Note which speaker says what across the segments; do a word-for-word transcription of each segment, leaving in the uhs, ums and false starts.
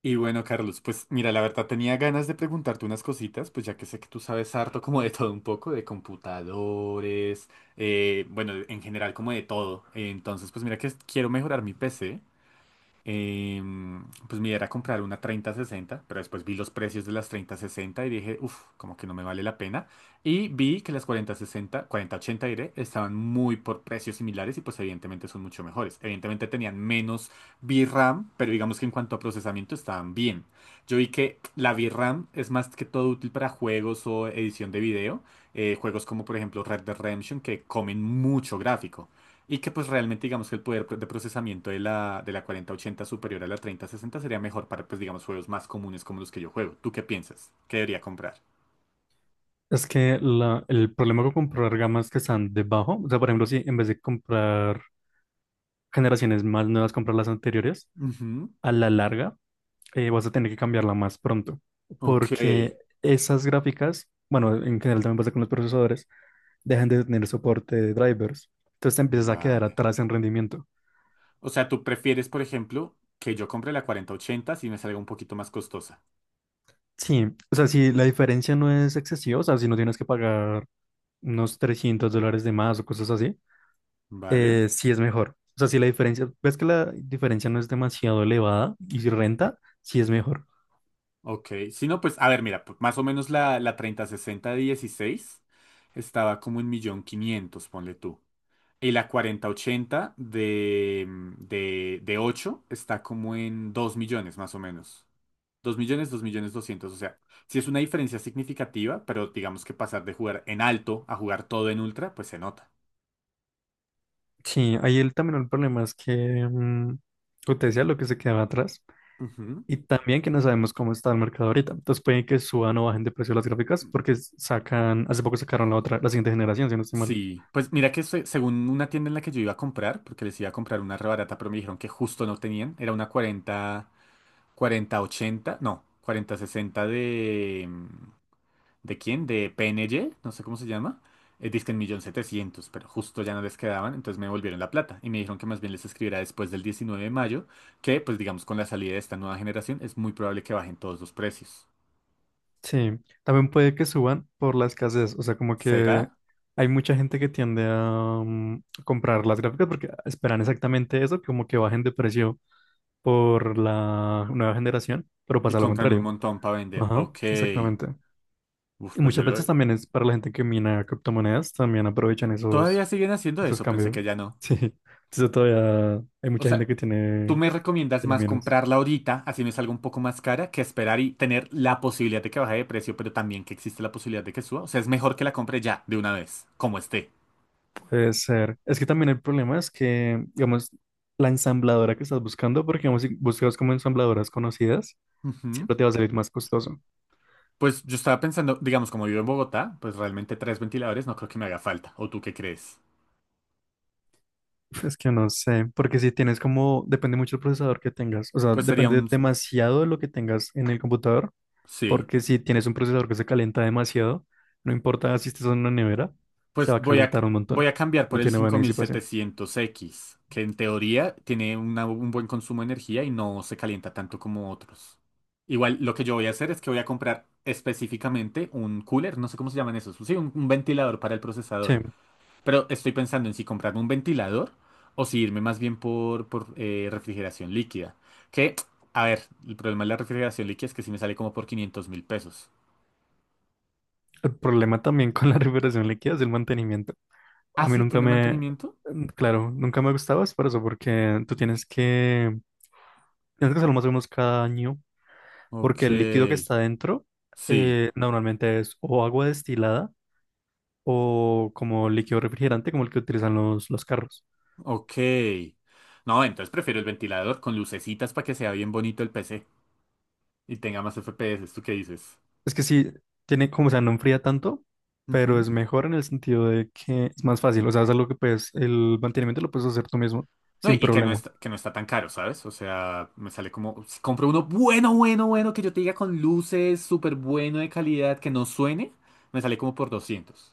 Speaker 1: Y bueno, Carlos, pues mira, la verdad tenía ganas de preguntarte unas cositas, pues ya que sé que tú sabes harto como de todo un poco, de computadores, eh, bueno, en general como de todo. Entonces, pues mira que quiero mejorar mi P C. eh, pues mi idea era comprar una treinta sesenta, pero después vi los precios de las treinta sesenta y dije, uff, como que no me vale la pena. Y vi que las cuarenta sesenta, cuarenta ochenta diré, estaban muy por precios similares y pues evidentemente son mucho mejores. Evidentemente tenían menos VRAM, pero digamos que en cuanto a procesamiento estaban bien. Yo vi que la VRAM es más que todo útil para juegos o edición de video, eh, juegos como por ejemplo Red Dead Redemption que comen mucho gráfico. Y que pues realmente digamos que el poder de procesamiento de la, de la cuarenta ochenta superior a la treinta sesenta sería mejor para pues digamos juegos más comunes como los que yo juego. ¿Tú qué piensas? ¿Qué debería comprar?
Speaker 2: Es que la- el problema con comprar gamas que están debajo, o sea, por ejemplo, si en vez de comprar generaciones más nuevas, comprar las anteriores,
Speaker 1: Ujú.
Speaker 2: a la larga eh, vas a tener que cambiarla más pronto,
Speaker 1: Ok,
Speaker 2: porque esas gráficas, bueno, en general también pasa con los procesadores, dejan de tener soporte de drivers, entonces te empiezas a quedar
Speaker 1: vale.
Speaker 2: atrás en rendimiento.
Speaker 1: O sea, tú prefieres, por ejemplo, que yo compre la cuarenta ochenta si me salga un poquito más costosa.
Speaker 2: Sí, o sea, si la diferencia no es excesiva, o sea, si no tienes que pagar unos trescientos dólares de más o cosas así,
Speaker 1: Vale.
Speaker 2: eh, sí es mejor. O sea, si la diferencia, ves que la diferencia no es demasiado elevada y si renta, sí es mejor.
Speaker 1: Ok. Si no, pues, a ver, mira, p- más o menos la, la treinta sesenta de dieciséis estaba como en millón quinientos, ponle tú. Y la cuarenta ochenta de, mm, de, de ocho está como en dos millones más o menos. Dos millones, dos millones doscientos. O sea, sí es una diferencia significativa, pero digamos que pasar de jugar en alto a jugar todo en ultra, pues se nota.
Speaker 2: Sí, ahí el, también el problema es que, mm, como te decía, lo que se quedaba atrás
Speaker 1: Ujú.
Speaker 2: y también que no sabemos cómo está el mercado ahorita. Entonces pueden que suban o bajen de precio las gráficas porque s- sacan, hace poco sacaron la otra, la siguiente generación, si no estoy mal.
Speaker 1: Sí, pues mira que se- según una tienda en la que yo iba a comprar, porque les iba a comprar una rebarata, pero me dijeron que justo no tenían, era una cuarenta cuarenta ochenta no, cuarenta sesenta de, mm, ¿de quién? ¿De P N G? No sé cómo se llama. Eh, dizque en millón setecientos, pero justo ya no les quedaban, entonces me devolvieron la plata y me dijeron que más bien les escribiera después del diecinueve de mayo, que pues digamos con la salida de esta nueva generación es muy probable que bajen todos los precios.
Speaker 2: Sí, también puede que suban por la escasez, o sea, como
Speaker 1: ¿Será?
Speaker 2: que hay mucha gente que tiende a mm, comprar las gráficas porque esperan exactamente eso, como que bajen de precio por la nueva generación, pero
Speaker 1: Y
Speaker 2: pasa lo
Speaker 1: compran un
Speaker 2: contrario.
Speaker 1: montón para vender.
Speaker 2: Ajá,
Speaker 1: Ok.
Speaker 2: exactamente.
Speaker 1: Uf,
Speaker 2: Y
Speaker 1: pues yo
Speaker 2: muchas veces
Speaker 1: lo...
Speaker 2: también es para la gente que mina criptomonedas, también aprovechan
Speaker 1: Todavía
Speaker 2: esos,
Speaker 1: siguen haciendo
Speaker 2: esos
Speaker 1: eso, pensé
Speaker 2: cambios.
Speaker 1: que ya no.
Speaker 2: Sí, entonces todavía hay
Speaker 1: O
Speaker 2: mucha gente
Speaker 1: sea,
Speaker 2: que
Speaker 1: ¿tú
Speaker 2: tiene,
Speaker 1: me recomiendas
Speaker 2: tiene
Speaker 1: más
Speaker 2: menos.
Speaker 1: comprarla ahorita, así me salga un poco más cara, que esperar y tener la posibilidad de que baje de precio, pero también que existe la posibilidad de que suba? O sea, es mejor que la compre ya, de una vez, como esté.
Speaker 2: Puede ser. Es que también el problema es que, digamos, la ensambladora que estás buscando, porque digamos, si buscas como ensambladoras conocidas,
Speaker 1: Ujú.
Speaker 2: siempre te va a salir más costoso.
Speaker 1: Pues yo estaba pensando, digamos, como vivo en Bogotá, pues realmente tres ventiladores no creo que me haga falta. ¿O tú qué crees?
Speaker 2: Es que no sé, porque si tienes como, depende mucho del procesador que tengas, o sea,
Speaker 1: Pues sería
Speaker 2: depende
Speaker 1: un...
Speaker 2: demasiado de lo que tengas en el computador
Speaker 1: Sí.
Speaker 2: porque si tienes un procesador que se calienta demasiado, no importa si estés en una nevera, se
Speaker 1: Pues
Speaker 2: va a
Speaker 1: voy a,
Speaker 2: calentar un
Speaker 1: voy
Speaker 2: montón.
Speaker 1: a cambiar
Speaker 2: No
Speaker 1: por el
Speaker 2: tiene buena
Speaker 1: cinco mil
Speaker 2: disipación.
Speaker 1: setecientos x que en teoría tiene una- un buen consumo de energía y no se calienta tanto como otros. Igual lo que yo voy a hacer es que voy a comprar específicamente un cooler, no sé cómo se llaman esos, sí, un, un ventilador para el
Speaker 2: Sí,
Speaker 1: procesador. Pero estoy pensando en si comprarme un ventilador o si irme más bien por, por eh, refrigeración líquida. Que, a ver, el problema de la refrigeración líquida es que si me sale como por quinientos mil pesos.
Speaker 2: el problema también con la refrigeración líquida es el mantenimiento.
Speaker 1: ¿Ah,
Speaker 2: A mí
Speaker 1: sí?
Speaker 2: nunca
Speaker 1: ¿Tiene
Speaker 2: me,
Speaker 1: mantenimiento?
Speaker 2: mm, Claro, nunca me gustaba es por eso, porque tú tienes que, tienes que hacerlo más o menos cada año, porque
Speaker 1: Ok,
Speaker 2: el líquido que está dentro
Speaker 1: sí.
Speaker 2: eh, normalmente es o agua destilada o como líquido refrigerante, como el que utilizan los, los carros.
Speaker 1: Ok. No, entonces prefiero el ventilador con lucecitas para que sea bien bonito el P C y tenga más F P S, ¿tú qué dices?
Speaker 2: Es que sí, tiene como, o sea, no enfría tanto, pero
Speaker 1: Ujú.
Speaker 2: es mejor en el sentido de que es más fácil. O sea, es algo que puedes, el mantenimiento lo puedes hacer tú mismo,
Speaker 1: No, y
Speaker 2: sin
Speaker 1: y que no
Speaker 2: problema.
Speaker 1: está, que no está tan caro, ¿sabes? O sea, me sale como, si compro uno bueno, bueno, bueno, que yo te diga con luces, súper bueno de calidad, que no suene, me sale como por doscientos.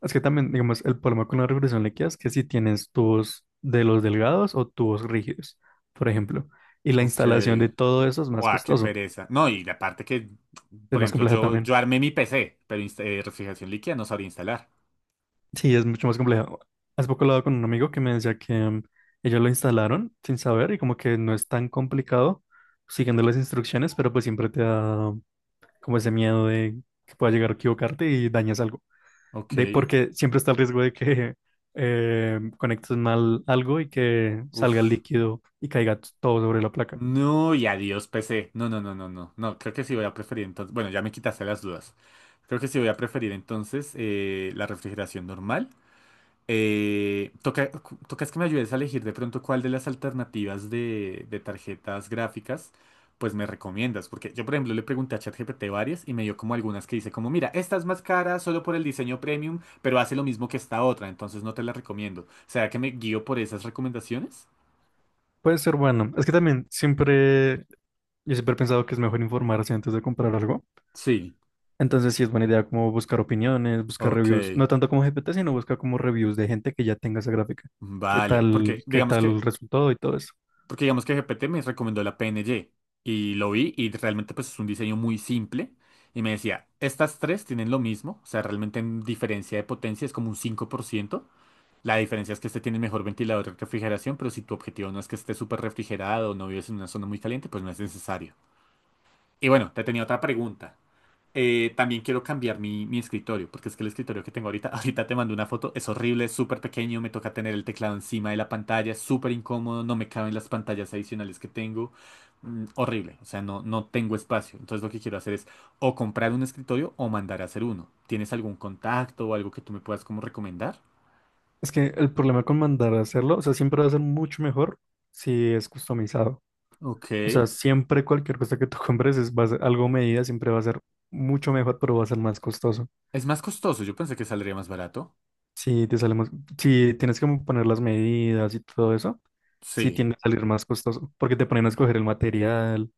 Speaker 2: Es que también, digamos, el problema con la refrigeración líquida es que si tienes tubos de los delgados o tubos rígidos, por ejemplo, y la
Speaker 1: Ok.
Speaker 2: instalación de todo eso es más
Speaker 1: Guau, qué
Speaker 2: costoso,
Speaker 1: pereza. No, y la parte que,
Speaker 2: es
Speaker 1: por
Speaker 2: más
Speaker 1: ejemplo,
Speaker 2: compleja
Speaker 1: yo,
Speaker 2: también.
Speaker 1: yo armé mi P C, pero insta- eh, refrigeración líquida no sabría instalar.
Speaker 2: Sí, es mucho más compleja. Hace poco hablaba con un amigo que me decía que mm, ellos lo instalaron sin saber y como que no es tan complicado siguiendo las instrucciones, pero pues siempre te da como ese miedo de que pueda llegar a equivocarte y dañes algo.
Speaker 1: Ok.
Speaker 2: De, porque siempre está el riesgo de que eh, conectes mal algo y que salga el
Speaker 1: Uf.
Speaker 2: líquido y caiga t- todo sobre la placa.
Speaker 1: No, y adiós P C. No, no, no, no, no. No, creo que sí voy a preferir entonces. Bueno, ya me quitaste las dudas. Creo que sí voy a preferir entonces eh, la refrigeración normal. Eh, toca, cu- tocas que me ayudes a elegir de pronto cuál de las alternativas de, de tarjetas gráficas, pues me recomiendas. Porque yo, por ejemplo, le pregunté a ChatGPT varias y me dio como algunas que dice como, mira, esta es más cara solo por el diseño premium, pero hace lo mismo que esta otra, entonces no te la recomiendo. ¿Será que me guío por esas recomendaciones?
Speaker 2: Puede ser bueno. Es que también siempre, yo siempre he pensado que es mejor informarse antes de comprar algo.
Speaker 1: Sí.
Speaker 2: Entonces sí es buena idea como buscar opiniones, buscar
Speaker 1: Ok.
Speaker 2: reviews. No tanto como G P T, sino buscar como reviews de gente que ya tenga esa gráfica. ¿Qué
Speaker 1: Vale, porque
Speaker 2: tal, qué
Speaker 1: digamos
Speaker 2: tal
Speaker 1: que,
Speaker 2: resultó y todo eso?
Speaker 1: porque digamos que G P T me recomendó la P N G y lo vi y realmente pues es un diseño muy simple y me decía, estas tres tienen lo mismo, o sea, realmente en diferencia de potencia es como un cinco por ciento. La diferencia es que este tiene mejor ventilador de refrigeración, pero si tu objetivo no es que esté súper refrigerado o no vives en una zona muy caliente, pues no es necesario. Y bueno, te tenía otra pregunta. Eh, también quiero cambiar mi, mi escritorio, porque es que el escritorio que tengo ahorita, ahorita te mando una foto, es horrible, es súper pequeño, me toca tener el teclado encima de la pantalla, es súper incómodo, no me caben las pantallas adicionales que tengo, mm, horrible, o sea, no, no tengo espacio. Entonces lo que quiero hacer es o comprar un escritorio o mandar a hacer uno. ¿Tienes algún contacto o algo que tú me puedas como recomendar?
Speaker 2: Es que el problema con mandar a hacerlo, o sea, siempre va a ser mucho mejor si es customizado.
Speaker 1: Ok.
Speaker 2: O sea, siempre cualquier cosa que tú compres es, va a ser algo a medida, siempre va a ser mucho mejor, pero va a ser más costoso.
Speaker 1: Es más costoso, yo pensé que saldría más barato.
Speaker 2: Si te sale más- si tienes que poner las medidas y todo eso, sí
Speaker 1: Sí,
Speaker 2: tiende a salir más costoso, porque te ponen a escoger el material,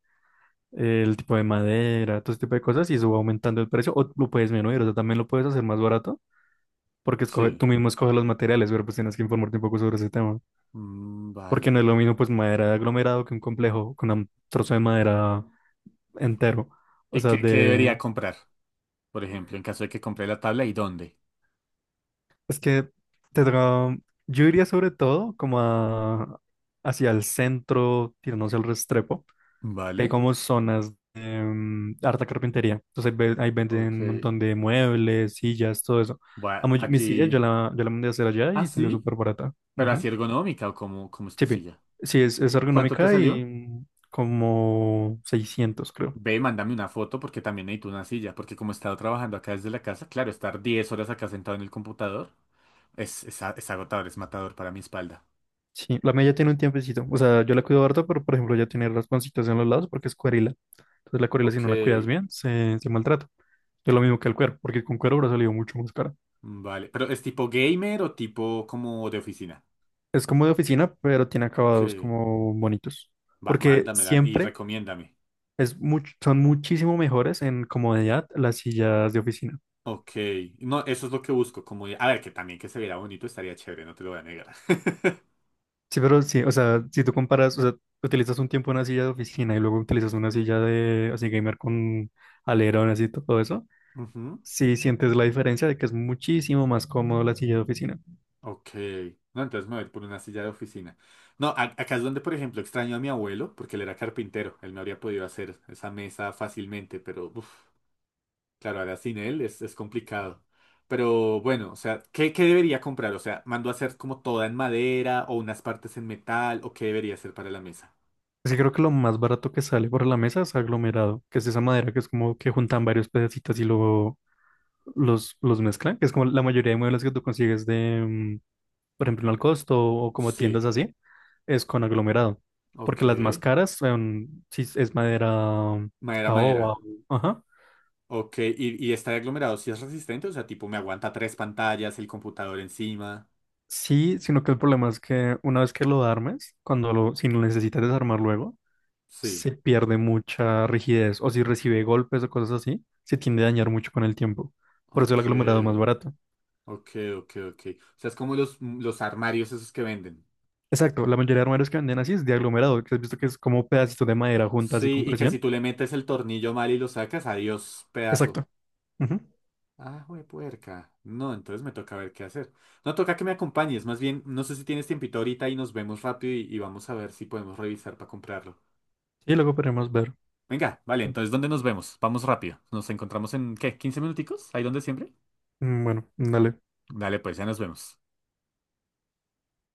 Speaker 2: el tipo de madera, todo ese tipo de cosas, y eso va aumentando el precio, o lo puedes disminuir, o sea, también lo puedes hacer más barato, porque escoge,
Speaker 1: sí.
Speaker 2: tú mismo escoges los materiales, pero pues tienes que informarte un poco sobre ese tema.
Speaker 1: Mm,
Speaker 2: Porque
Speaker 1: vale.
Speaker 2: no es lo mismo pues madera de aglomerado que un complejo con un trozo de madera entero. O
Speaker 1: ¿Y
Speaker 2: sea,
Speaker 1: qué, qué debería
Speaker 2: de...
Speaker 1: comprar? Por ejemplo, en caso de que compre la tabla y dónde.
Speaker 2: Es que te toca- Yo iría sobre todo como a- hacia el centro, tirándose al Restrepo. Que hay
Speaker 1: ¿Vale?
Speaker 2: como zonas de mm, harta carpintería. Entonces ahí, ve- ahí venden un
Speaker 1: Ok.
Speaker 2: montón de muebles, sillas, todo eso.
Speaker 1: Bueno,
Speaker 2: Amo, yo- mi silla yo
Speaker 1: aquí.
Speaker 2: la, yo la mandé a hacer allá
Speaker 1: Ah,
Speaker 2: y salió
Speaker 1: sí,
Speaker 2: súper barata.
Speaker 1: pero
Speaker 2: Ujú.
Speaker 1: así ergonómica o cómo, cómo es tu
Speaker 2: Chipi.
Speaker 1: silla.
Speaker 2: Sí, es, es
Speaker 1: ¿Cuánto te
Speaker 2: ergonómica y
Speaker 1: salió?
Speaker 2: mm, como seiscientos creo.
Speaker 1: Ve, mándame una foto porque también necesito una silla. Porque como he estado trabajando acá desde la casa, claro, estar diez horas acá sentado en el computador es, es, a- es agotador, es matador para mi espalda.
Speaker 2: Sí, la mía ya tiene un tiempecito. O sea, yo la cuido harto, pero por ejemplo ya tiene rasponcitos en los lados porque es cuerila. Entonces la cuerila si
Speaker 1: Ok.
Speaker 2: no la cuidas bien, se, se maltrata. Es lo mismo que el cuero, porque con cuero habrá salido mucho más cara.
Speaker 1: Vale. ¿Pero es tipo gamer o tipo como de oficina?
Speaker 2: Es como de oficina, pero tiene
Speaker 1: Ok.
Speaker 2: acabados como bonitos.
Speaker 1: Va,
Speaker 2: Porque
Speaker 1: mándamela y
Speaker 2: siempre
Speaker 1: recomiéndame.
Speaker 2: es much- son muchísimo mejores en comodidad las sillas de oficina.
Speaker 1: Ok, no, eso es lo que busco, como, a ver, que también que se viera bonito estaría chévere, no te lo voy a negar.
Speaker 2: Sí, pero sí, o sea, si tú comparas, o sea, utilizas un tiempo una silla de oficina y luego utilizas una silla de así gamer con alerón, así todo eso.
Speaker 1: Ujú.
Speaker 2: Sí, sientes la diferencia de que es muchísimo más cómodo la silla de oficina.
Speaker 1: Ok, no, entonces me voy a ir por una silla de oficina. No, a- acá es donde, por ejemplo, extraño a mi abuelo, porque él era carpintero, él me habría podido hacer esa mesa fácilmente, pero, uf, claro, ahora sin él es, es complicado. Pero bueno, o sea, ¿qué, qué debería comprar? O sea, ¿mando a hacer como toda en madera o unas partes en metal o qué debería hacer para la mesa?
Speaker 2: Sí, creo que lo más barato que sale por la mesa es aglomerado, que es esa madera que es como que juntan varios pedacitos y luego los, los mezclan, que es como la mayoría de muebles que tú consigues de, mm, por ejemplo, en el costo o como
Speaker 1: Sí,
Speaker 2: tiendas así, es con aglomerado.
Speaker 1: ok,
Speaker 2: Porque las más caras son, si es madera mm,
Speaker 1: madera,
Speaker 2: caoba,
Speaker 1: madera.
Speaker 2: ajá.
Speaker 1: Ok, y, y está de aglomerado, si es resistente, o sea, tipo, me aguanta tres pantallas, el computador encima.
Speaker 2: Sí, sino que el problema es que una vez que lo armes, cuando lo, si lo necesitas desarmar luego,
Speaker 1: Sí.
Speaker 2: se pierde mucha rigidez o si recibe golpes o cosas así, se tiende a dañar mucho con el tiempo. Por eso el
Speaker 1: Ok,
Speaker 2: aglomerado es más barato.
Speaker 1: ok, ok, ok. O sea, es como los, mm, los armarios esos que venden.
Speaker 2: Exacto, la mayoría de armarios que venden así es de aglomerado, que has visto que es como pedacitos de madera juntas y
Speaker 1: Sí,
Speaker 2: con
Speaker 1: y que
Speaker 2: presión.
Speaker 1: si tú le metes el tornillo mal y lo sacas, adiós, pedazo.
Speaker 2: Exacto. Ujú.
Speaker 1: Ah, güey, puerca. No, entonces me toca ver qué hacer. No, toca que me acompañes. Más bien, no sé si tienes tiempito ahorita y nos vemos rápido y, y vamos a ver si podemos revisar para comprarlo.
Speaker 2: Y luego podremos ver.
Speaker 1: Venga, vale, entonces, ¿dónde nos vemos? Vamos rápido. ¿Nos encontramos en qué? ¿Quince minuticos? ¿Ahí donde siempre?
Speaker 2: Mm, Bueno, dale.
Speaker 1: Dale, pues ya nos vemos.